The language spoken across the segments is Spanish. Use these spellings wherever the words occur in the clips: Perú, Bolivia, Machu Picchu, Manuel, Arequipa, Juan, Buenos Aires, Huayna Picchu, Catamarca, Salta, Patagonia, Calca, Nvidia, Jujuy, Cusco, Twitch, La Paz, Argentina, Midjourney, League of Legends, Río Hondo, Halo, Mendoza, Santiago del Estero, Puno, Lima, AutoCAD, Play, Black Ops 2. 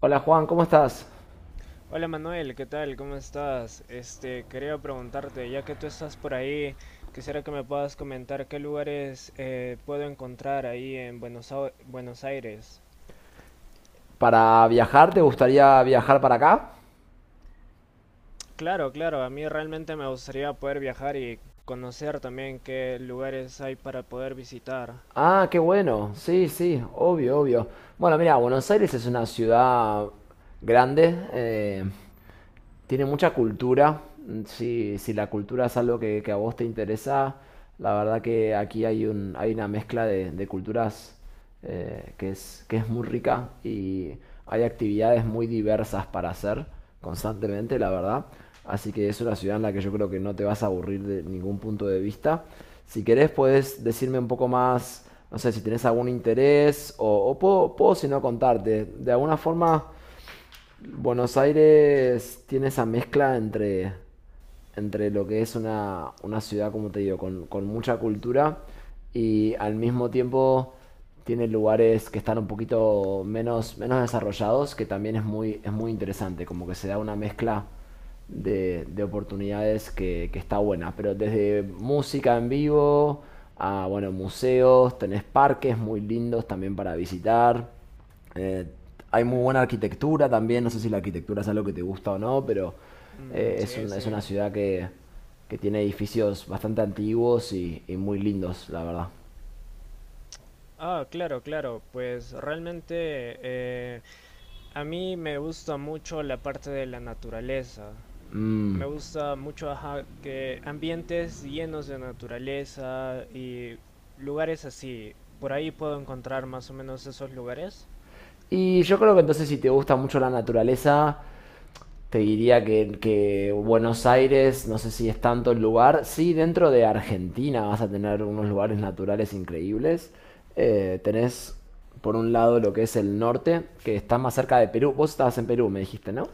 Hola Juan, ¿cómo estás? Hola Manuel, ¿qué tal? ¿Cómo estás? Quería preguntarte, ya que tú estás por ahí, quisiera que me puedas comentar qué lugares puedo encontrar ahí en Buenos Aires. ¿Para viajar? ¿Te gustaría viajar para acá? Claro, claro, a mí realmente me gustaría poder viajar y conocer también qué lugares hay para poder visitar. Ah, qué bueno. Sí, sí, obvio, obvio. Bueno, mira, Buenos Aires es una ciudad grande. Tiene mucha cultura. Si la cultura es algo que a vos te interesa, la verdad que aquí hay una mezcla de culturas, que es muy rica y hay actividades muy diversas para hacer constantemente, la verdad. Así que es una ciudad en la que yo creo que no te vas a aburrir de ningún punto de vista. Si querés, puedes decirme un poco más, no sé, si tenés algún interés o puedo si no contarte. De alguna forma, Buenos Aires tiene esa mezcla entre lo que es una ciudad, como te digo, con mucha cultura, y al mismo tiempo tiene lugares que están un poquito menos desarrollados, que también es muy interesante, como que se da una mezcla de oportunidades que está buena. Pero desde música en vivo a, bueno, museos, tenés parques muy lindos también para visitar. Hay muy buena arquitectura también, no sé si la arquitectura es algo que te gusta o no, pero Mm, sí, es sí. una ciudad que tiene edificios bastante antiguos y muy lindos, la verdad. Ah, claro, claro, pues realmente eh, a mí me gusta mucho la parte de la naturaleza. Mm. Me gusta mucho, ajá, que ambientes llenos de naturaleza y lugares así. Por ahí puedo encontrar más o menos esos lugares. Y yo creo que entonces, si te gusta mucho la naturaleza, te diría que Buenos Aires, no sé si es tanto el lugar, sí, dentro de Argentina vas a tener unos lugares naturales increíbles. Tenés por un lado lo que es el norte, que está más cerca de Perú. Vos estabas en Perú, me dijiste, ¿no?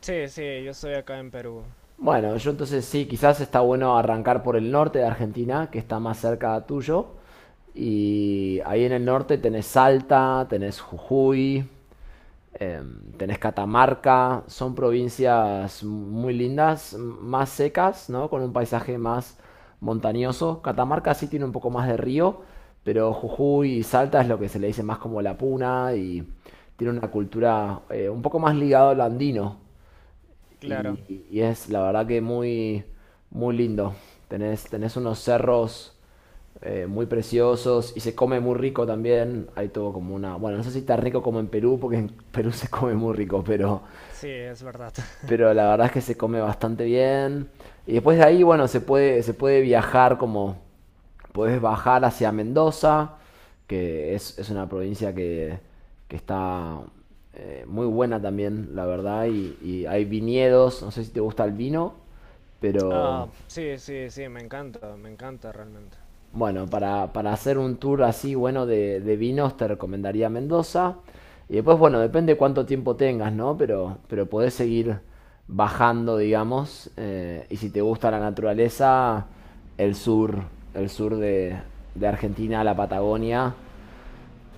Sí, sí, yo estoy acá en Perú, Bueno, yo entonces sí, quizás está bueno arrancar por el norte de Argentina, que está más cerca tuyo. Y ahí en el norte tenés Salta, tenés Jujuy, tenés Catamarca. Son provincias muy lindas, más secas, ¿no? Con un paisaje más montañoso. Catamarca sí tiene un poco más de río, pero Jujuy y Salta es lo que se le dice más como la puna, y tiene una cultura un poco más ligada a lo andino. claro. Y es la verdad que muy, muy lindo. Tenés unos cerros muy preciosos, y se come muy rico también. Hay todo como una. Bueno, no sé si tan rico como en Perú, porque en Perú se come muy rico, pero, Sí, es verdad. pero la verdad es que se come bastante bien. Y después de ahí, bueno, se puede viajar como podés bajar hacia Mendoza, que es una provincia que está muy buena también, la verdad, y hay viñedos, no sé si te gusta el vino, Ah, pero sí, sí, sí, me encanta realmente. bueno, para hacer un tour así bueno de vinos te recomendaría Mendoza. Y después, bueno, depende cuánto tiempo tengas, ¿no? Pero podés seguir bajando, digamos. Y si te gusta la naturaleza, el sur, el sur de Argentina, la Patagonia.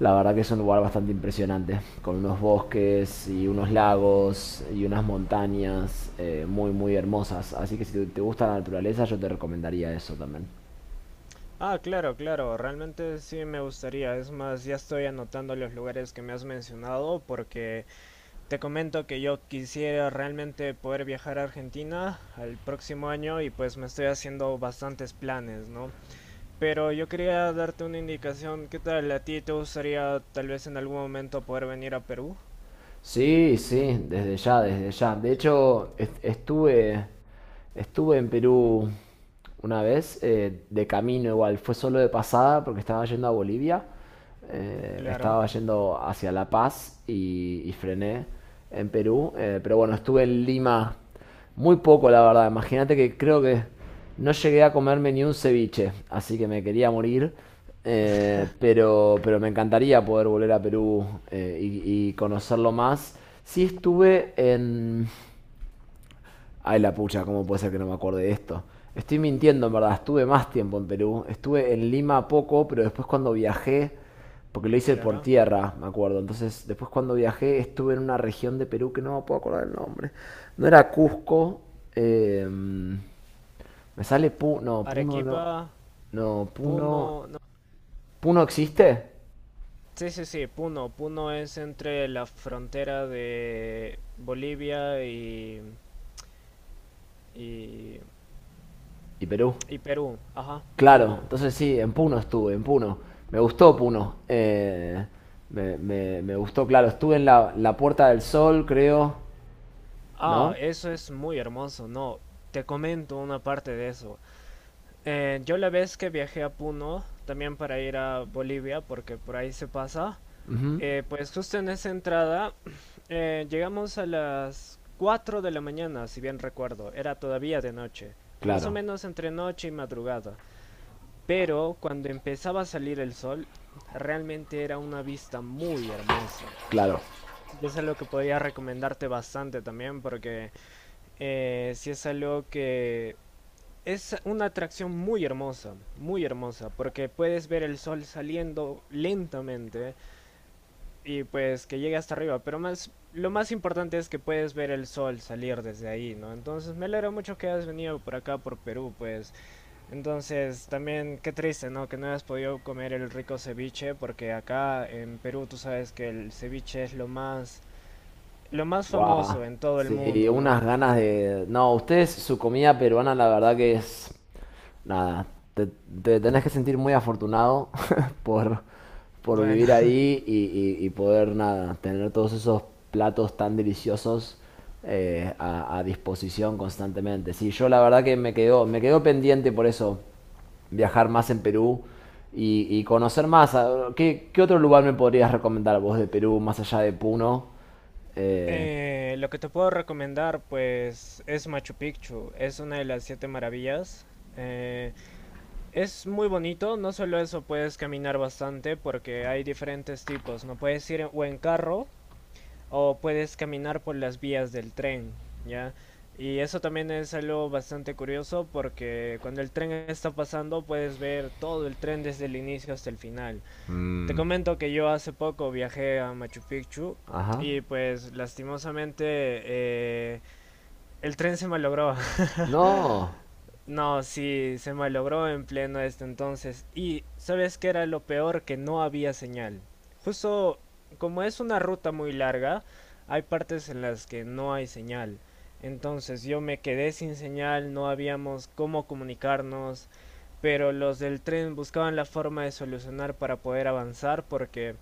La verdad que es un lugar bastante impresionante, con unos bosques y unos lagos y unas montañas muy muy hermosas. Así que si gusta la naturaleza, yo te recomendaría eso también. Ah, claro, claro, realmente sí me gustaría. Es más, ya estoy anotando los lugares que me has mencionado porque te comento que yo quisiera realmente poder viajar a Argentina al próximo año y pues me estoy haciendo bastantes planes, ¿no? Pero yo quería darte una indicación, ¿qué tal? ¿A ti te gustaría tal vez en algún momento poder venir a Perú? Sí, sí, desde ya, desde ya. De hecho, estuve en Perú una vez, de camino igual, fue solo de pasada porque estaba yendo a Bolivia, Claro, estaba yendo hacia La Paz y frené en Perú. Pero bueno, estuve en Lima muy poco, la verdad. Imagínate que creo que no llegué a comerme ni un ceviche, así que me quería morir. Eh, pero, pero me encantaría poder volver a Perú, y conocerlo más. Sí estuve en, ay, la pucha, ¿cómo puede ser que no me acuerde de esto? Estoy mintiendo, en verdad. Estuve más tiempo en Perú. Estuve en Lima poco, pero después, cuando viajé, porque lo hice por claro. tierra, me acuerdo. Entonces, después cuando viajé, estuve en una región de Perú que no me puedo acordar el nombre. No era Cusco. Me sale Puno. No, Puno no. Arequipa, No, Puno. Puno, no. ¿Puno existe? eh, sí, sí, sí, Puno. Puno es entre la frontera de Bolivia y, y, ¿Y Perú? y Perú. Ajá, Claro, Puno. entonces sí, en Puno estuve, en Puno. Me gustó Puno. Me gustó, claro. Estuve en la Puerta del Sol, creo, Ah, ¿no? eso es muy hermoso, no, te comento una parte de eso. Yo la vez que viajé a Puno, también para ir a Bolivia, porque por ahí se pasa, Ujú. Pues justo en esa entrada llegamos a las 4 de la mañana, si bien recuerdo, era todavía de noche, más o Claro, menos entre noche y madrugada, pero cuando empezaba a salir el sol, realmente era una vista muy hermosa. claro. Y eso es lo que podría recomendarte bastante también, porque... sí es algo que es una atracción muy hermosa, porque puedes ver el sol saliendo lentamente y pues que llegue hasta arriba, pero más lo más importante es que puedes ver el sol salir desde ahí, ¿no? Entonces me alegro mucho que hayas venido por acá, por Perú, pues. Entonces también qué triste, ¿no? Que no hayas podido comer el rico ceviche, porque acá en Perú tú sabes que el ceviche es lo más Guau. famoso en todo el Sí, mundo, ¿no? unas ganas de. No, ustedes, su comida peruana, la verdad que es. Nada, te, te tenés que sentir muy afortunado por, por Bueno, vivir ahí y poder, nada, tener todos esos platos tan deliciosos, a disposición constantemente. Sí, yo la verdad que me quedó pendiente por eso viajar más en Perú y conocer más. ¿Qué otro lugar me podrías recomendar vos de Perú, más allá de Puno? Eh, lo que te puedo recomendar, pues, es Machu Picchu. Es una de las siete maravillas. Eh, es muy bonito, no solo eso, puedes caminar bastante porque hay diferentes tipos, ¿no? Puedes ir o en carro o puedes caminar por las vías del tren, ¿ya? Y eso también es algo bastante curioso porque cuando el tren está pasando puedes ver todo el tren desde el inicio hasta el final. Te Mm, comento que yo hace poco viajé a Machu Picchu ajá. y pues lastimosamente el tren se malogró. No, No, sí, se malogró en pleno este entonces. Y sabes que era lo peor, que no había señal. Justo como es una ruta muy larga, hay partes en las que no hay señal. Entonces yo me quedé sin señal, no habíamos cómo comunicarnos, pero los del tren buscaban la forma de solucionar para poder avanzar porque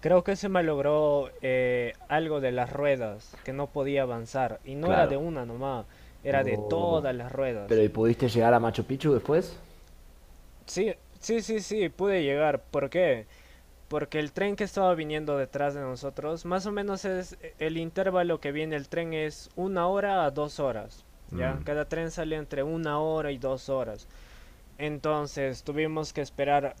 creo que se me logró algo de las ruedas, que no podía avanzar. Y no era claro. de una nomás, era de Oh. todas las ruedas. Pero ¿y pudiste llegar a Machu Picchu después? Sí, sí, sí, sí, pude llegar. ¿Por qué? Porque el tren que estaba viniendo detrás de nosotros, más o menos es el intervalo que viene el tren, es una hora a dos horas. ¿Ya? Cada tren sale entre una hora y dos horas. Entonces tuvimos que esperar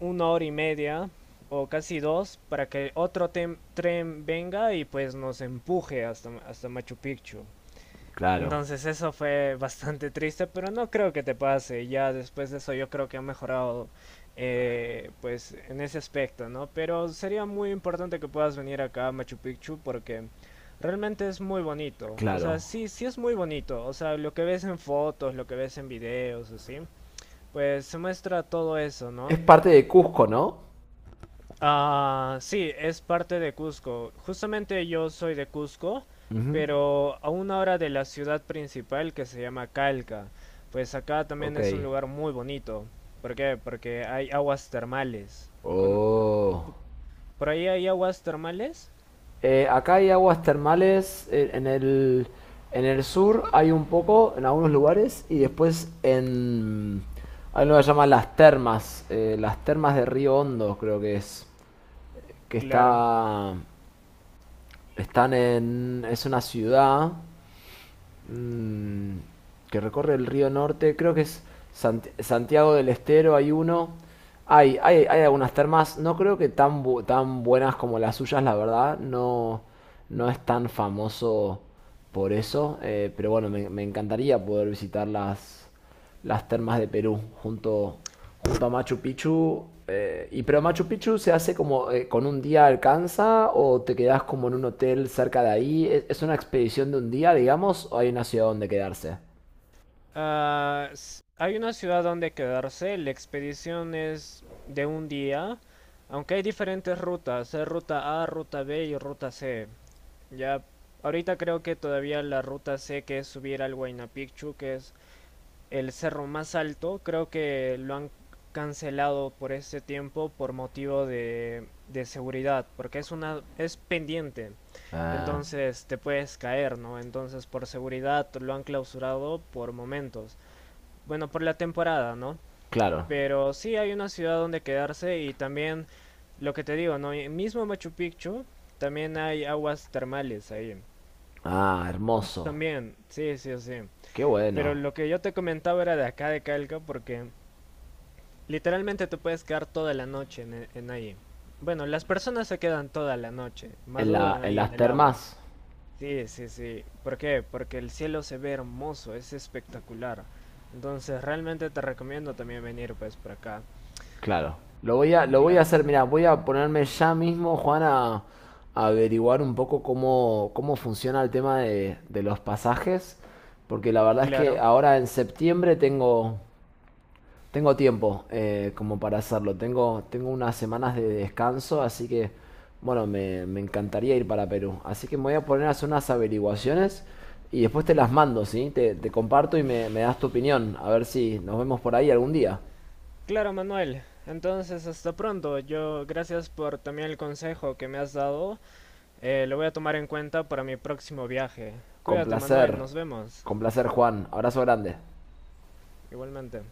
una hora y media o casi dos para que otro tren venga y pues nos empuje hasta, hasta Machu Picchu. Claro, Entonces eso fue bastante triste, pero no creo que te pase. Ya después de eso yo creo que ha mejorado pues en ese aspecto, ¿no? Pero sería muy importante que puedas venir acá a Machu Picchu porque realmente es muy bonito. O claro. sea, sí, sí es muy bonito. O sea, lo que ves en fotos, lo que ves en videos, así pues se muestra todo eso, ¿no? Es parte de Cusco, ¿no? Ah, sí, es parte de Cusco. Justamente yo soy de Cusco, Ujú. pero a una hora de la ciudad principal que se llama Calca. Pues acá también Ok. es un lugar muy bonito. ¿Por qué? Porque hay aguas termales. Con- Oh. ¿Por ahí hay aguas termales? Acá hay aguas termales, en el sur, hay un poco en algunos lugares, y después en. Hay lo que se llama las termas de Río Hondo, creo que es, que Claro. está, están en. Es una ciudad mm, que recorre el río Norte, creo que es Santiago del Estero, hay uno. Hay algunas termas, no creo que tan buenas como las suyas, la verdad. No, no es tan famoso por eso, pero bueno, me encantaría poder visitarlas, las termas de Perú, junto a Machu Picchu. Pero Machu Picchu se hace como con un día alcanza, o te quedas como en un hotel cerca de ahí. ¿Es una expedición de un día, digamos, o hay una ciudad donde quedarse? Hay una ciudad donde quedarse. La expedición es de un día. Aunque hay diferentes rutas. Hay ruta A, ruta B y ruta C. Ya, ahorita creo que todavía la ruta C, que es subir al Huayna Picchu, que es el cerro más alto, creo que lo han cancelado por este tiempo por motivo de seguridad, porque es una es pendiente. Ah, Entonces te puedes caer, ¿no? Entonces por seguridad lo han clausurado por momentos. Bueno, por la temporada, ¿no? claro. Pero sí hay una ciudad donde quedarse y también lo que te digo, ¿no? Mismo Machu Picchu, también hay aguas termales ahí. Ah, hermoso. También, sí, sí, sí. Qué Pero bueno. lo que yo te comentaba era de acá de Calca, porque literalmente te puedes quedar toda la noche en ahí. Bueno, las personas se quedan toda la noche, madrugan En ahí en las el agua. termas. Sí, sí, sí. ¿Por qué? Porque el cielo se ve hermoso, es espectacular. Entonces, realmente te recomiendo también venir pues por acá. Claro. Lo voy a Claro. hacer, mirá, voy a ponerme ya mismo, Juan, a averiguar un poco cómo funciona el tema de los pasajes, porque la verdad es que Claro. ahora en septiembre tengo tiempo, como para hacerlo. Tengo unas semanas de descanso, así que, bueno, me encantaría ir para Perú. Así que me voy a poner a hacer unas averiguaciones, y después te las mando, ¿sí? Te comparto y me das tu opinión, a ver si nos vemos por ahí algún día. Claro, Manuel. Entonces, hasta pronto. Yo, gracias por también el consejo que me has dado. Lo voy a tomar en cuenta para mi próximo viaje. Con Cuídate, Manuel, placer. nos vemos. Con placer, Juan. Abrazo grande. Igualmente.